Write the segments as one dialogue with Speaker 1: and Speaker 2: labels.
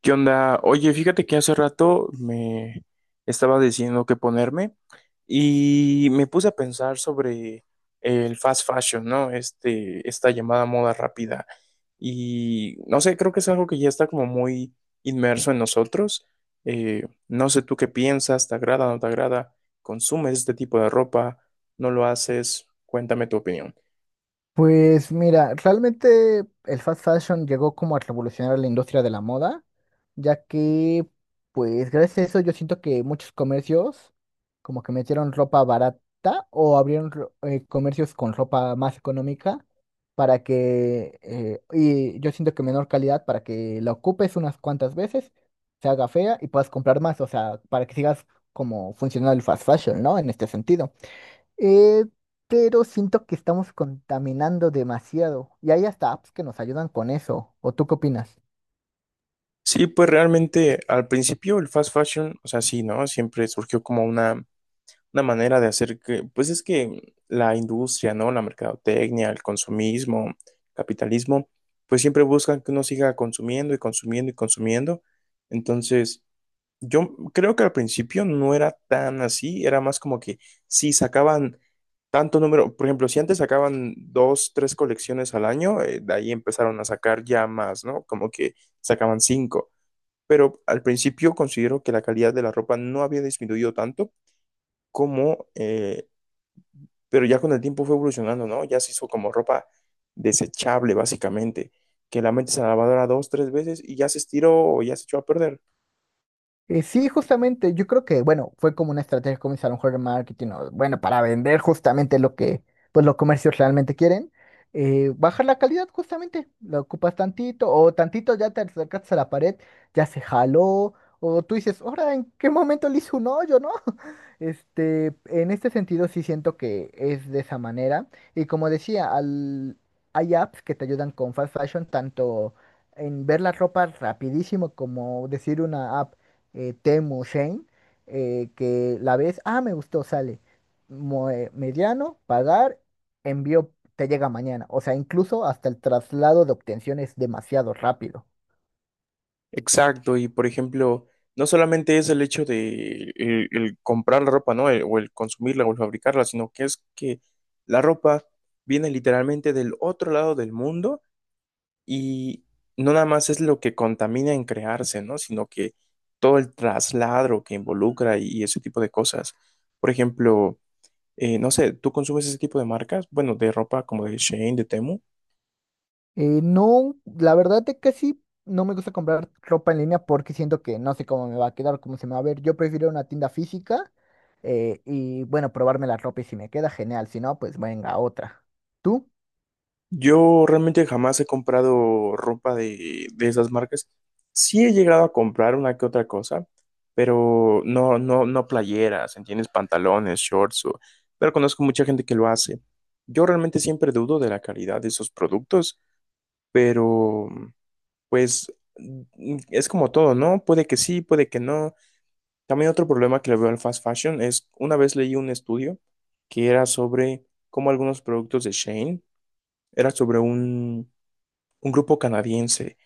Speaker 1: ¿Qué onda? Oye, fíjate que hace rato me estaba diciendo qué ponerme y me puse a pensar sobre el fast fashion, ¿no? Este, esta llamada moda rápida. Y no sé, creo que es algo que ya está como muy inmerso en nosotros. No sé tú qué piensas, ¿te agrada, no te agrada? ¿Consumes este tipo de ropa? ¿No lo haces? Cuéntame tu opinión.
Speaker 2: Pues mira, realmente el fast fashion llegó como a revolucionar la industria de la moda, ya que pues gracias a eso yo siento que muchos comercios como que metieron ropa barata o abrieron comercios con ropa más económica para que, y yo siento que menor calidad para que la ocupes unas cuantas veces, se haga fea y puedas comprar más, o sea, para que sigas como funcionando el fast fashion, ¿no? En este sentido. Eh, pero siento que estamos contaminando demasiado y hay hasta apps que nos ayudan con eso. ¿O tú qué opinas?
Speaker 1: Sí, pues realmente al principio el fast fashion, o sea, sí, ¿no? Siempre surgió como una manera de hacer que, pues es que la industria, ¿no? La mercadotecnia, el consumismo, capitalismo, pues siempre buscan que uno siga consumiendo y consumiendo y consumiendo. Entonces, yo creo que al principio no era tan así, era más como que si sacaban tanto número, por ejemplo, si antes sacaban dos, tres colecciones al año, de ahí empezaron a sacar ya más, ¿no? Como que sacaban cinco. Pero al principio considero que la calidad de la ropa no había disminuido tanto como pero ya con el tiempo fue evolucionando, ¿no? Ya se hizo como ropa desechable, básicamente, que la metes a la lavadora dos, tres veces y ya se estiró o ya se echó a perder.
Speaker 2: Sí, justamente, yo creo que, bueno, fue como una estrategia como a lo mejor de marketing, o, bueno, para vender justamente lo que, pues los comercios realmente quieren, bajar la calidad justamente, la ocupas tantito, o tantito ya te acercaste a la pared, ya se jaló, o tú dices, ahora, ¿en qué momento le hice un hoyo, no? Este, en este sentido sí siento que es de esa manera, y como decía, hay apps que te ayudan con fast fashion, tanto en ver la ropa rapidísimo como decir una app, Temu, Shane, que la ves, ah, me gustó, sale. Mediano, pagar, envío, te llega mañana. O sea, incluso hasta el traslado de obtención es demasiado rápido.
Speaker 1: Exacto, y por ejemplo, no solamente es el hecho de el comprar la ropa, ¿no? El- o el consumirla o el fabricarla, sino que es que la ropa viene literalmente del otro lado del mundo y no nada más es lo que contamina en crearse, ¿no? Sino que todo el trasladro que involucra y ese tipo de cosas. Por ejemplo, no sé, ¿tú consumes ese tipo de marcas? Bueno, de ropa como de Shein, de Temu.
Speaker 2: No, la verdad es que sí, no me gusta comprar ropa en línea porque siento que no sé cómo me va a quedar, cómo se me va a ver. Yo prefiero una tienda física, y bueno, probarme la ropa y si me queda genial, si no, pues venga otra. ¿Tú?
Speaker 1: Yo realmente jamás he comprado ropa de esas marcas. Sí he llegado a comprar una que otra cosa, pero no, no, no playeras, ¿entiendes? Pantalones, shorts, o- pero conozco mucha gente que lo hace. Yo realmente siempre dudo de la calidad de esos productos, pero pues es como todo, ¿no? Puede que sí, puede que no. También otro problema que le veo al fast fashion es, una vez leí un estudio que era sobre cómo algunos productos de Shane, era sobre un grupo canadiense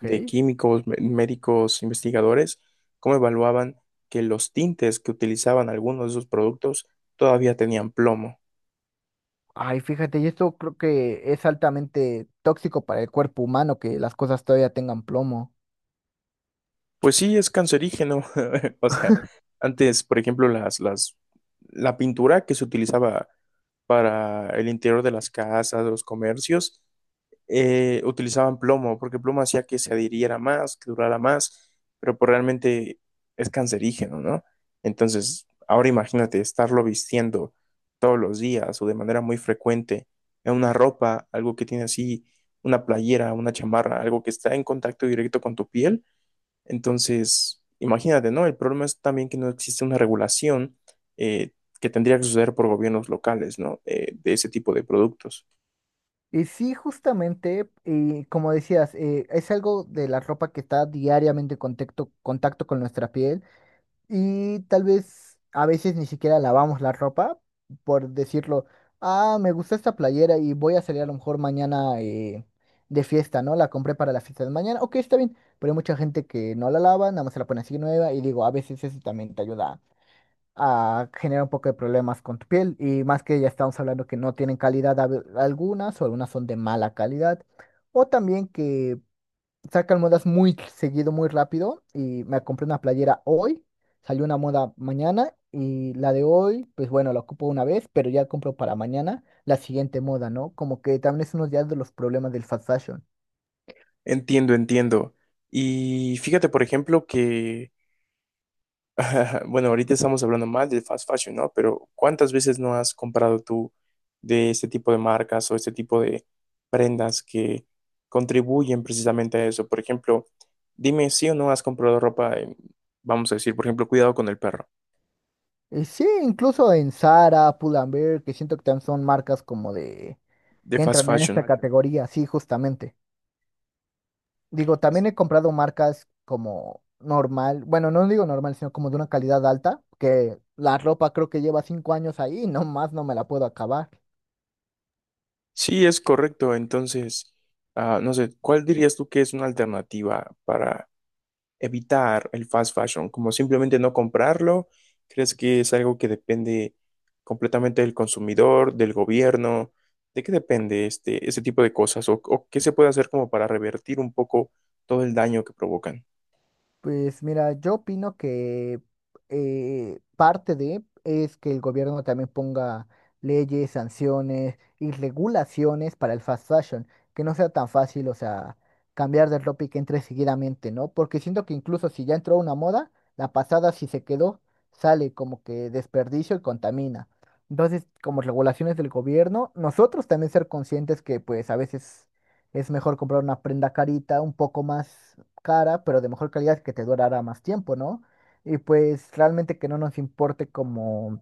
Speaker 1: de químicos, mé- médicos, investigadores, cómo evaluaban que los tintes que utilizaban algunos de esos productos todavía tenían plomo.
Speaker 2: Ay, fíjate, y esto creo que es altamente tóxico para el cuerpo humano que las cosas todavía tengan plomo.
Speaker 1: Pues sí, es cancerígeno. O sea, antes, por ejemplo, la pintura que se utilizaba para el interior de las casas, de los comercios, utilizaban plomo, porque plomo hacía que se adhiriera más, que durara más, pero pues realmente es cancerígeno, ¿no? Entonces, ahora imagínate estarlo vistiendo todos los días o de manera muy frecuente en una ropa, algo que tiene así una playera, una chamarra, algo que está en contacto directo con tu piel. Entonces, imagínate, ¿no? El problema es también que no existe una regulación eh, que tendría que suceder por gobiernos locales, ¿no? De ese tipo de productos.
Speaker 2: Y sí, justamente, y como decías, es algo de la ropa que está diariamente en contacto con nuestra piel y tal vez a veces ni siquiera lavamos la ropa por decirlo, ah, me gusta esta playera y voy a salir a lo mejor mañana, de fiesta, ¿no? La compré para la fiesta de mañana, ok, está bien, pero hay mucha gente que no la lava, nada más se la pone así nueva y digo, a veces eso también te ayuda, ah, genera un poco de problemas con tu piel y más que ya estamos hablando que no tienen calidad algunas o algunas son de mala calidad o también que sacan modas muy seguido, muy rápido y me compré una playera hoy, salió una moda mañana y la de hoy, pues bueno, la ocupo una vez, pero ya compro para mañana la siguiente moda, ¿no? Como que también es uno ya de los problemas del fast fashill.
Speaker 1: Entiendo, entiendo. Y fíjate, por ejemplo, que, bueno, ahorita estamos hablando más del fast fashion, ¿no? Pero ¿cuántas veces no has comprado tú de este tipo de marcas o este tipo de prendas que contribuyen precisamente a eso? Por ejemplo, dime si o no has comprado ropa, en, vamos a decir, por ejemplo, cuidado con el perro,
Speaker 2: Y sí, incluso en Zara, Pull and Bear que siento que también son marcas como de
Speaker 1: de
Speaker 2: que
Speaker 1: fast
Speaker 2: entran en esta,
Speaker 1: fashion.
Speaker 2: vale, categoría, sí, justamente. Digo, también he comprado marcas como normal, bueno, no digo normal, sino como de una calidad alta, que la ropa creo que lleva 5 años ahí y nomás no me la puedo acabar.
Speaker 1: Sí, es correcto. Entonces, ah, no sé, ¿cuál dirías tú que es una alternativa para evitar el fast fashion, como simplemente no comprarlo? ¿Crees que es algo que depende completamente del consumidor, del gobierno? ¿De qué depende este, ese tipo de cosas? O qué se puede hacer como para revertir un poco todo el daño que provocan?
Speaker 2: Pues mira, yo opino que, parte de es que el gobierno también ponga leyes, sanciones y regulaciones para el fast fashion, que no sea tan fácil, o sea, cambiar de ropa y que entre seguidamente, ¿no? Porque siento que incluso si ya entró una moda, la pasada si se quedó, sale como que desperdicio y contamina. Entonces, como regulaciones del gobierno, nosotros también ser conscientes que pues a veces es mejor comprar una prenda carita, un poco más cara, pero de mejor calidad que te durará más tiempo, ¿no? Y pues realmente que no nos importe como,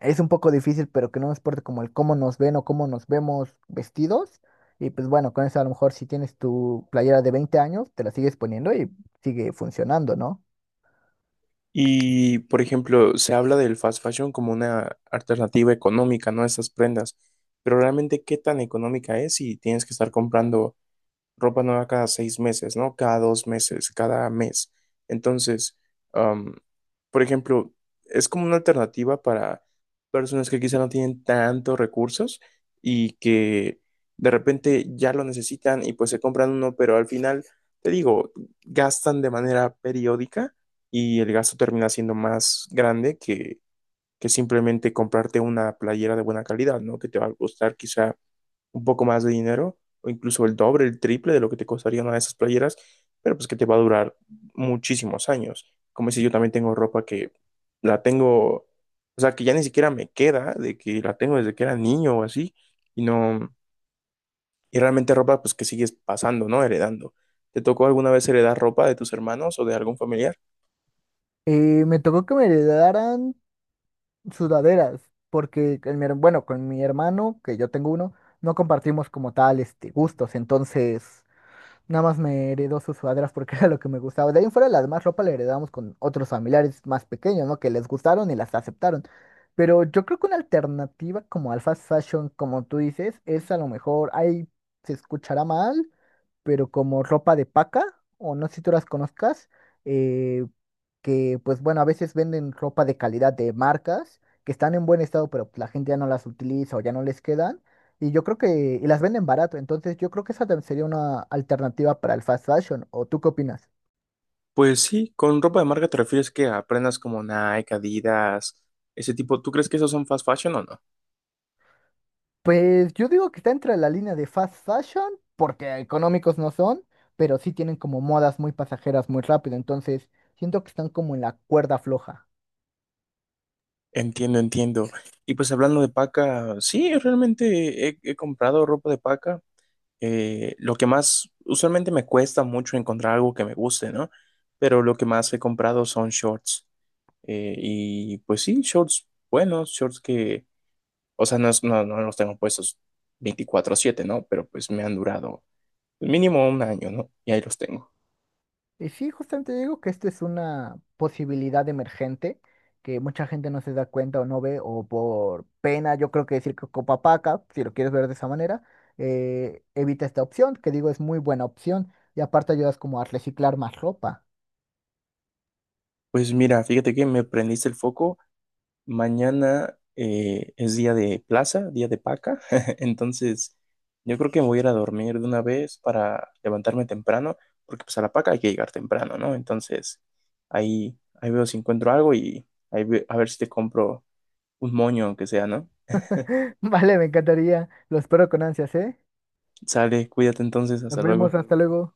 Speaker 2: es un poco difícil, pero que no nos importe como el cómo nos ven o cómo nos vemos vestidos. Y pues bueno, con eso a lo mejor si tienes tu playera de 20 años, te la sigues poniendo y sigue funcionando, ¿no?
Speaker 1: Y, por ejemplo, se habla del fast fashion como una alternativa económica, ¿no? A esas prendas. Pero realmente, ¿qué tan económica es si tienes que estar comprando ropa nueva cada seis meses, ¿no? Cada dos meses, cada mes. Entonces, am, por ejemplo, es como una alternativa para personas que quizá no tienen tantos recursos y que de repente ya lo necesitan y pues se compran uno, pero al final, te digo, gastan de manera periódica y el gasto termina siendo más grande que simplemente comprarte una playera de buena calidad, ¿no? Que te va a costar quizá un poco más de dinero, o incluso el doble, el triple de lo que te costaría una de esas playeras, pero pues que te va a durar muchísimos años. Como si yo también tengo ropa que la tengo, o sea, que ya ni siquiera me queda, de que la tengo desde que era niño o así, y no, y realmente ropa pues que sigues pasando, ¿no? Heredando. ¿Te tocó alguna vez heredar ropa de tus hermanos o de algún familiar?
Speaker 2: Y me tocó que me heredaran sudaderas, porque con bueno, con mi hermano, que yo tengo uno, no compartimos como tal este gustos, entonces nada más me heredó sus sudaderas porque era lo que me gustaba. De ahí en fuera, la demás ropa la heredamos con otros familiares más pequeños, ¿no? Que les gustaron y las aceptaron. Pero yo creo que una alternativa como al fast fashion, como tú dices, es a lo mejor, ahí se escuchará mal, pero como ropa de paca, o no sé si tú las conozcas, eh, que pues bueno, a veces venden ropa de calidad de marcas que están en buen estado, pero la gente ya no las utiliza o ya no les quedan. Y yo creo que, y las venden barato, entonces yo creo que esa sería una alternativa para el fast fashion. ¿O tú qué opinas?
Speaker 1: Pues sí, con ropa de marca te refieres que aprendas como Nike, Adidas, ese tipo. ¿Tú crees que esos son fast fashion o no?
Speaker 2: Pues yo digo que está entre la línea de fast fashion, porque económicos no son, pero sí tienen como modas muy pasajeras muy rápido, entonces siento que están como en la cuerda floja.
Speaker 1: Entiendo, entiendo. Y pues hablando de paca, sí, realmente he comprado ropa de paca. Lo que más, usualmente me cuesta mucho encontrar algo que me guste, ¿no? Pero lo que más he comprado son shorts. Y pues sí, shorts buenos, shorts que, o sea, no, es- no, no los tengo puestos 24/7, ¿no? Pero pues me han durado mínimo un año, ¿no? Y ahí los tengo.
Speaker 2: Y sí, justamente digo que esto es una posibilidad emergente que mucha gente no se da cuenta o no ve, o por pena, yo creo que decir que Copapaca, si lo quieres ver de esa manera, evita esta opción, que digo es muy buena opción, y aparte ayudas como a reciclar más ropa.
Speaker 1: Pues mira, fíjate que me prendiste el foco. Mañana es día de plaza, día de paca, entonces yo creo que voy a ir a dormir de una vez para levantarme temprano, porque pues a la paca hay que llegar temprano, ¿no? Entonces ahí veo si encuentro algo y ahí ve- a ver si te compro un moño, aunque sea, ¿no?
Speaker 2: Vale, me encantaría, lo espero con ansias, ¿eh?
Speaker 1: Sale, cuídate entonces,
Speaker 2: Nos
Speaker 1: hasta luego.
Speaker 2: vemos, hasta luego.